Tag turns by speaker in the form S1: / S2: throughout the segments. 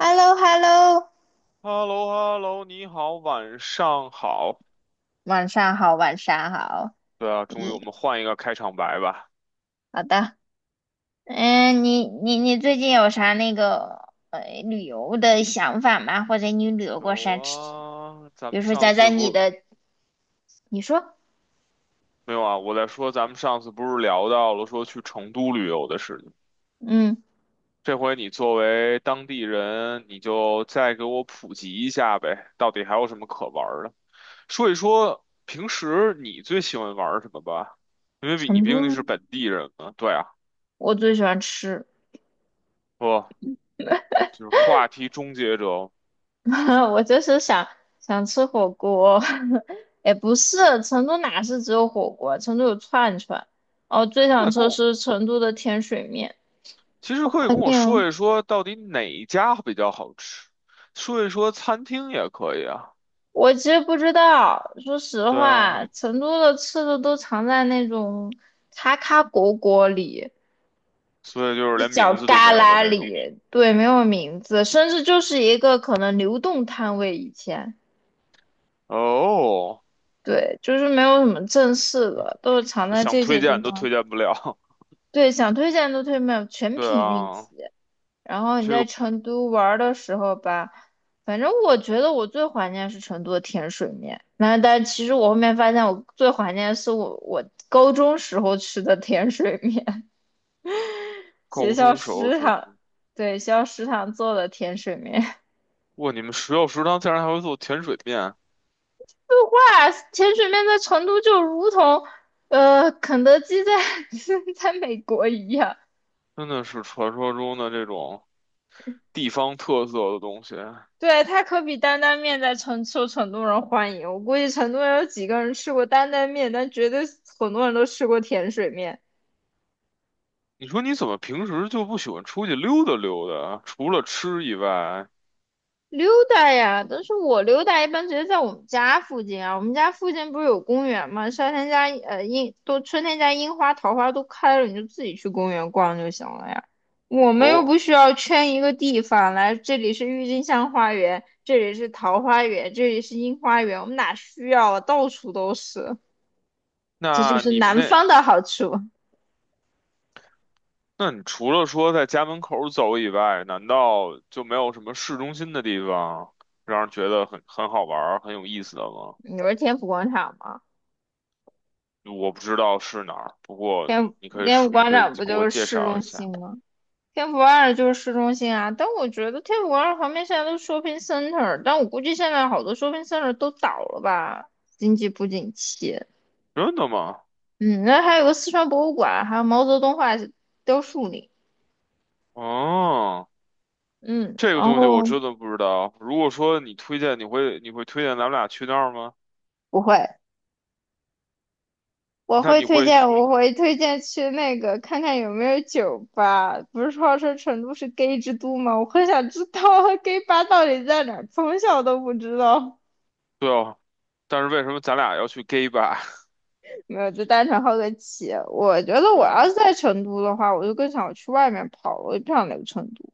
S1: h e l l o h e l l o
S2: Hello hello 你好，晚上好。
S1: 晚上好，晚上好。
S2: 对啊，终于我
S1: 咦，
S2: 们换一个开场白吧。
S1: 好的。你最近有啥那个旅游的想法吗？或者你旅游过
S2: 有
S1: 啥吃？
S2: 啊，咱
S1: 比如
S2: 们
S1: 说
S2: 上
S1: 讲
S2: 次
S1: 讲
S2: 不
S1: 你
S2: 是，
S1: 的，你说，
S2: 没有啊，我在说咱们上次不是聊到了说去成都旅游的事情。
S1: 嗯，
S2: 这回你作为当地人，你就再给我普及一下呗，到底还有什么可玩儿的？说一说平时你最喜欢玩儿什么吧，因为比你
S1: 成
S2: 毕
S1: 都
S2: 竟
S1: 吗？
S2: 是本地人嘛。对啊，
S1: 我最喜欢吃，
S2: 不，就是话题终结者。
S1: 我想吃火锅。也不是，成都哪是只有火锅？成都有串串。哦，最想
S2: 那
S1: 吃
S2: 够。
S1: 是成都的甜水面，
S2: 其实
S1: 我
S2: 可以
S1: 怀
S2: 跟我
S1: 念哦。
S2: 说一说，到底哪一家比较好吃，说一说餐厅也可以啊。
S1: 我其实不知道，说实
S2: 对
S1: 话，
S2: 啊，
S1: 成都的吃的都藏在那种咔咔果果里，
S2: 所以就是
S1: 一
S2: 连
S1: 角
S2: 名字都没
S1: 旮
S2: 有的
S1: 旯
S2: 那种。
S1: 里，对，没有名字，甚至就是一个可能流动摊位。以前，
S2: 哦，
S1: 对，就是没有什么正式的，都是藏在
S2: 想
S1: 这些
S2: 推
S1: 地
S2: 荐都
S1: 方。
S2: 推荐不了。
S1: 对，想推荐都推荐不了， 全
S2: 对
S1: 凭运
S2: 啊，
S1: 气。然后你
S2: 这
S1: 在
S2: 个
S1: 成都玩的时候吧，反正我觉得我最怀念是成都的甜水面。那但其实我后面发现，我最怀念的是我高中时候吃的甜水面，学
S2: 高
S1: 校
S2: 中时候
S1: 食
S2: 是，
S1: 堂，对，学校食堂做的甜水面。
S2: 哇，你们学校食堂竟然还会做甜水面，
S1: 哇，甜水面在成都就如同，肯德基在 在美国一样。
S2: 真的是传说中的这种地方特色的东西。
S1: 对，它可比担担面在成都人欢迎。我估计成都人有几个人吃过担担面，但绝对很多人都吃过甜水面。
S2: 你说你怎么平时就不喜欢出去溜达溜达啊？除了吃以外，
S1: 溜达呀，但是我溜达一般直接在我们家附近啊。我们家附近不是有公园吗？夏天家呃樱都春天家樱花、桃花都开了，你就自己去公园逛就行了呀。我们又
S2: 哦，
S1: 不需要圈一个地方来，这里是郁金香花园，这里是桃花源，这里是樱花园，我们哪需要啊？到处都是。这就
S2: 那
S1: 是
S2: 你们
S1: 南
S2: 那
S1: 方的好处。
S2: 那你除了说在家门口走以外，难道就没有什么市中心的地方让人觉得很好玩儿很有意思的吗？
S1: 你不是天府广场吗？
S2: 我不知道是哪儿，不过你可以
S1: 天府
S2: 说，你
S1: 广
S2: 可以
S1: 场
S2: 给
S1: 不
S2: 我
S1: 就是
S2: 介
S1: 市
S2: 绍
S1: 中
S2: 一下。
S1: 心吗？天府二就是市中心啊。但我觉得天府广场旁边现在都是 shopping center，但我估计现在好多 shopping center 都倒了吧，经济不景气。
S2: 真的吗？
S1: 嗯，那还有个四川博物馆，还有毛泽东画雕塑呢。
S2: 哦，
S1: 嗯，
S2: 这个
S1: 然
S2: 东西我
S1: 后
S2: 真的不知道。如果说你推荐，你会推荐咱们俩去那儿吗？
S1: 不会，
S2: 那你会，
S1: 我会推荐去那个看看有没有酒吧。不是号称成都是 gay 之都吗？我很想知道 gay 吧到底在哪儿，从小都不知道。
S2: 对哦。但是为什么咱俩要去 gay 吧？
S1: 没有，就单纯好个奇。我觉 得
S2: 对
S1: 我要是
S2: 啊。
S1: 在成都的话，我就更想去外面跑了，我就不想留成都。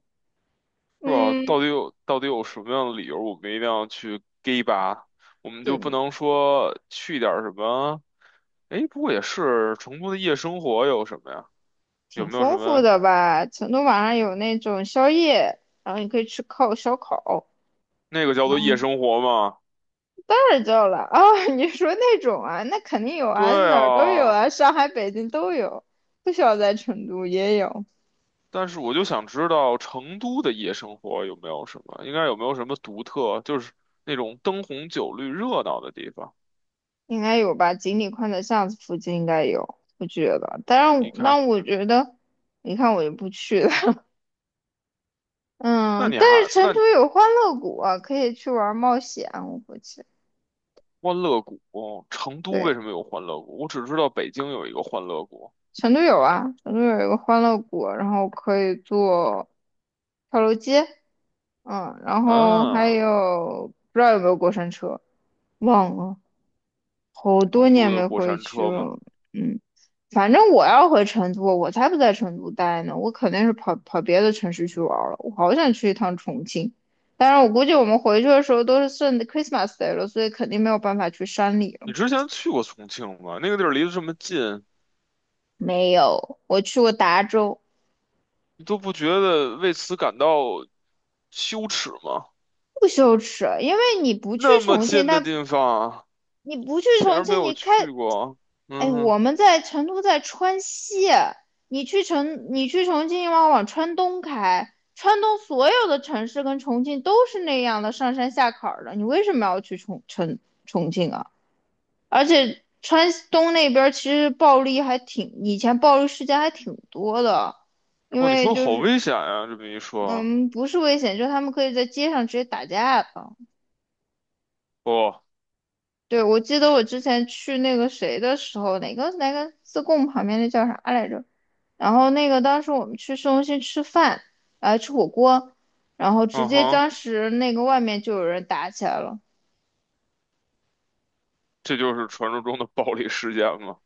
S2: 是吧？
S1: 嗯，
S2: 到底有什么样的理由，我们一定要去 gay 吧？我们就不
S1: 对，
S2: 能说去点儿什么？哎，不过也是，成都的夜生活有什么呀？有
S1: 挺
S2: 没有什
S1: 丰富
S2: 么
S1: 的吧？成都晚上有那种宵夜，然后你可以吃烤烧烤。
S2: 那个叫做夜生活吗？
S1: 太旧了啊！你说那种啊，那肯定有
S2: 对
S1: 啊，哪儿都有
S2: 啊，
S1: 啊，上海、北京都有，不需要在成都也有，
S2: 但是我就想知道成都的夜生活有没有什么，应该有没有什么独特，就是那种灯红酒绿、热闹的地方。
S1: 应该有吧？锦里宽窄巷子附近应该有，我觉得。
S2: 你看，
S1: 但我觉得，你看我就不去了。
S2: 那
S1: 嗯，
S2: 你
S1: 但
S2: 还
S1: 是成
S2: 那
S1: 都有欢乐谷啊，可以去玩冒险，我估计。
S2: 欢乐谷，成都
S1: 对，
S2: 为什么有欢乐谷？我只知道北京有一个欢乐谷。
S1: 成都有啊，成都有一个欢乐谷，然后可以坐跳楼机，嗯，然后还
S2: 啊，
S1: 有不知道有没有过山车，忘了，好多
S2: 成都
S1: 年
S2: 的
S1: 没
S2: 过
S1: 回
S2: 山
S1: 去
S2: 车吗？
S1: 了，嗯，反正我要回成都，我才不在成都待呢，我肯定是跑别的城市去玩了，我好想去一趟重庆，但是我估计我们回去的时候都是顺 Christmas Day 了，所以肯定没有办法去山里了。
S2: 你之前去过重庆吗？那个地儿离得这么近，
S1: 没有，我去过达州。
S2: 你都不觉得为此感到羞耻吗？
S1: 不羞耻，因为
S2: 那么近的地方，
S1: 你不去
S2: 竟
S1: 重
S2: 然没
S1: 庆，
S2: 有
S1: 你
S2: 去
S1: 开，
S2: 过。
S1: 哎，
S2: 嗯哼，
S1: 我们在成都，在川西，你去重庆，要往川东开，川东所有的城市跟重庆都是那样的上山下坎儿的，你为什么要去重庆啊？而且川东那边儿其实暴力还挺，以前暴力事件还挺多的，因
S2: 哦，你
S1: 为
S2: 说
S1: 就
S2: 好
S1: 是
S2: 危险呀、这么一说，
S1: 嗯，不是危险，就是他们可以在街上直接打架的。
S2: 哦，
S1: 对，我记得我之前去那个谁的时候，哪个自贡旁边那叫啥来着？然后那个当时我们去市中心吃饭，吃火锅，然后直
S2: 嗯
S1: 接
S2: 哼，
S1: 当时那个外面就有人打起来了。
S2: 这就是传说中的暴力事件吗？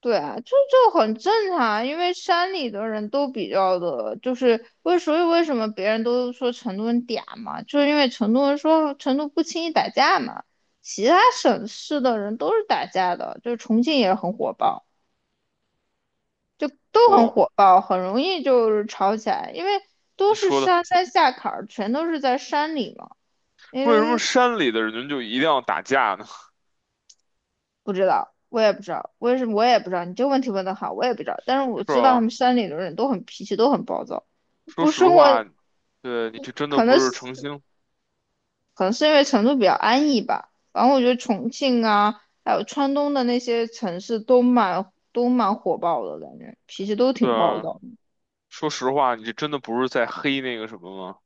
S1: 对啊，很正常，因为山里的人都比较的，就是为所以为什么别人都说成都人嗲嘛，就是因为成都人说成都不轻易打架嘛，其他省市的人都是打架的，就是重庆也很火爆。就都很
S2: 哦，
S1: 火爆，很容易就是吵起来，因为都
S2: 你
S1: 是
S2: 说的，
S1: 上山下坎儿，全都是在山里嘛。
S2: 为什么山里的人就一定要打架呢？
S1: 不知道，我也不知道，为什么我也不知道。你这个问题问得好，我也不知道。但是我
S2: 是
S1: 知道他
S2: 吧？
S1: 们山里的人都很脾气，都很暴躁，
S2: 说
S1: 不
S2: 实
S1: 生活，
S2: 话，对，你这真的
S1: 可
S2: 不
S1: 能
S2: 是
S1: 是
S2: 诚心。
S1: 可能是因为成都比较安逸吧。反正我觉得重庆啊，还有川东的那些城市都蛮火爆的，感觉脾气都挺暴
S2: 对，
S1: 躁的。
S2: 说实话，你这真的不是在黑那个什么吗？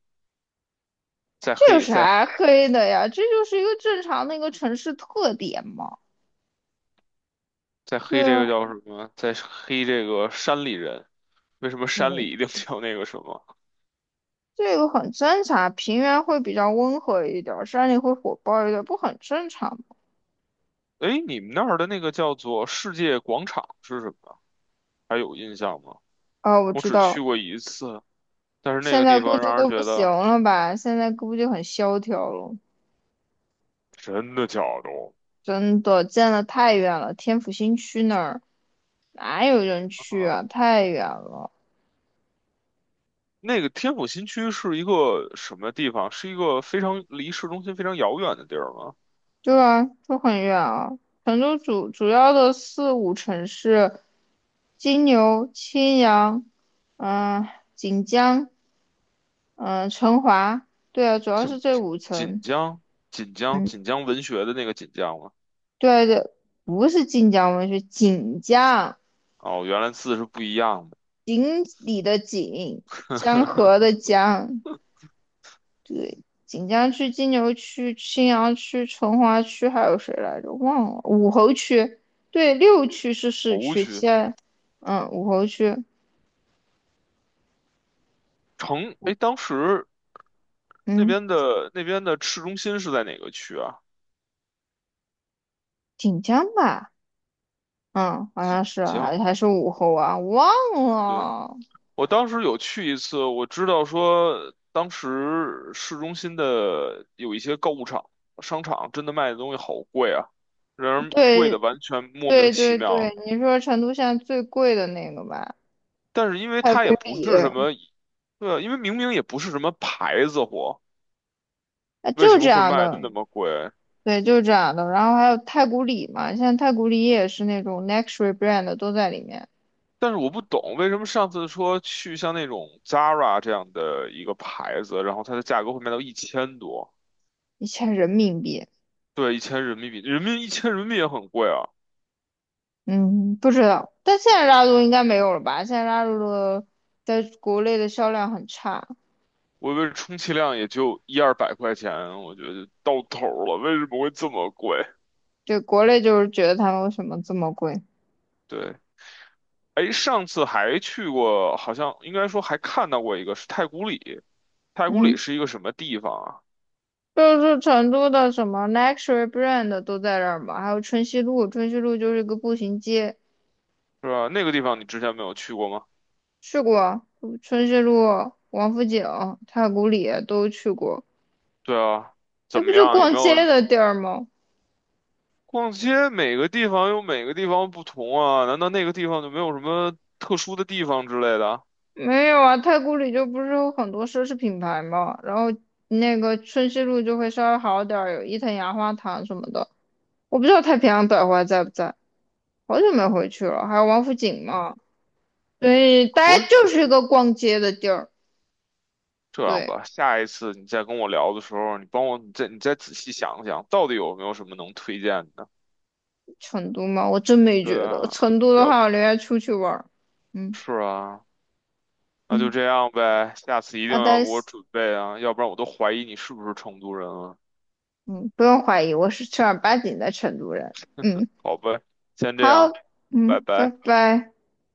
S2: 在
S1: 这有
S2: 黑在黑
S1: 啥黑的呀？这就是一个正常的一个城市特点嘛。
S2: 在黑
S1: 对
S2: 这
S1: 啊。
S2: 个叫什么？在黑这个山里人？为什么山
S1: 嗯，
S2: 里一定叫那个什么？
S1: 这个很正常，平原会比较温和一点儿，山里会火爆一点儿，不很正常吗？
S2: 哎，你们那儿的那个叫做世界广场是什么？还有印象吗？
S1: 啊，我
S2: 我
S1: 知
S2: 只去
S1: 道，
S2: 过一次，但是那
S1: 现
S2: 个
S1: 在
S2: 地
S1: 估
S2: 方
S1: 计
S2: 让人
S1: 都不
S2: 觉
S1: 行
S2: 得
S1: 了吧？现在估计很萧条了，
S2: 真的假的
S1: 真的，建的太远了，天府新区那儿哪有人去
S2: 啊！
S1: 啊？太远了，
S2: 那个天府新区是一个什么地方？是一个非常离市中心非常遥远的地儿吗？
S1: 对啊，就很远啊。成都主要的四五城市，金牛、青羊，嗯、锦江，嗯、成华，对啊，主要是
S2: 锦
S1: 这
S2: 锦
S1: 五
S2: 锦
S1: 城。
S2: 江，锦江，
S1: 嗯，
S2: 锦江文学的那个锦江吗？
S1: 对对，不是晋江文学，锦江，
S2: 哦，原来字是不一样的。
S1: 锦里的锦，江河 的江，对，锦江区、金牛区、青羊区、成华区，还有谁来着？忘了，武侯区，对，六区是市
S2: 湖
S1: 区，其
S2: 区
S1: 他，嗯，武侯区，
S2: 城，哎，当时那
S1: 嗯，
S2: 边的那边的市中心是在哪个区啊？
S1: 锦江吧，嗯，好
S2: 济
S1: 像是啊
S2: 江。
S1: 还是武侯啊，忘
S2: 对，
S1: 了，
S2: 我当时有去一次，我知道说当时市中心的有一些购物场、商场，真的卖的东西好贵啊，让人贵的
S1: 对
S2: 完全莫名其
S1: 对，
S2: 妙。
S1: 你说成都现在最贵的那个吧，
S2: 但是因为
S1: 太
S2: 它
S1: 古
S2: 也不
S1: 里。
S2: 是什么，对啊，因为明明也不是什么牌子货，
S1: 啊，
S2: 为
S1: 就
S2: 什
S1: 这
S2: 么会
S1: 样
S2: 卖
S1: 的，
S2: 的那么贵？
S1: 对，就是这样的。然后还有太古里嘛，现在太古里也是那种 luxury brand 的都在里面，
S2: 但是我不懂为什么上次说去像那种 Zara 这样的一个牌子，然后它的价格会卖到一千多，
S1: 1000人民币。
S2: 对，一千人民币，人民一千人民币也很贵啊。
S1: 嗯，不知道，但现在拉露应该没有了吧？现在拉露的在国内的销量很差，
S2: 我以为充其量也就一二百块钱，我觉得到头了，为什么会这么贵？
S1: 对，国内就是觉得他们为什么这么贵？
S2: 对，哎，上次还去过，好像应该说还看到过一个是太古里，太古里
S1: 嗯，
S2: 是一个什么地方啊？
S1: 就是成都的什么 luxury brand 都在这儿嘛，还有春熙路，春熙路就是一个步行街，
S2: 是吧？那个地方你之前没有去过吗？
S1: 去过春熙路、王府井、太古里都去过，
S2: 对啊，
S1: 那
S2: 怎
S1: 不
S2: 么
S1: 就
S2: 样？有
S1: 逛
S2: 没
S1: 街
S2: 有？
S1: 的地儿吗？
S2: 逛街每个地方有每个地方不同啊，难道那个地方就没有什么特殊的地方之类的啊？
S1: 没有啊，太古里就不是有很多奢侈品牌嘛，然后那个春熙路就会稍微好点儿，有伊藤洋华堂什么的。我不知道太平洋百货还在不在，好久没回去了。还有王府井嘛，所以大家
S2: 我
S1: 就是一个逛街的地儿。
S2: 这样
S1: 对，
S2: 吧，下一次你再跟我聊的时候，你帮我，你再仔细想想，到底有没有什么能推荐的？
S1: 成都嘛，我真没
S2: 对
S1: 觉得。
S2: 啊，
S1: 成都的
S2: 要
S1: 话，我宁愿出去玩儿。嗯
S2: 是啊，那就
S1: 嗯，
S2: 这样呗，下次一定
S1: 好
S2: 要
S1: 的，
S2: 给我准备啊，要不然我都怀疑你是不是成都人了。
S1: 嗯，不用怀疑，我是正儿八经的成都人。嗯，
S2: 好呗，先这
S1: 好，
S2: 样，拜
S1: 嗯，拜
S2: 拜。
S1: 拜。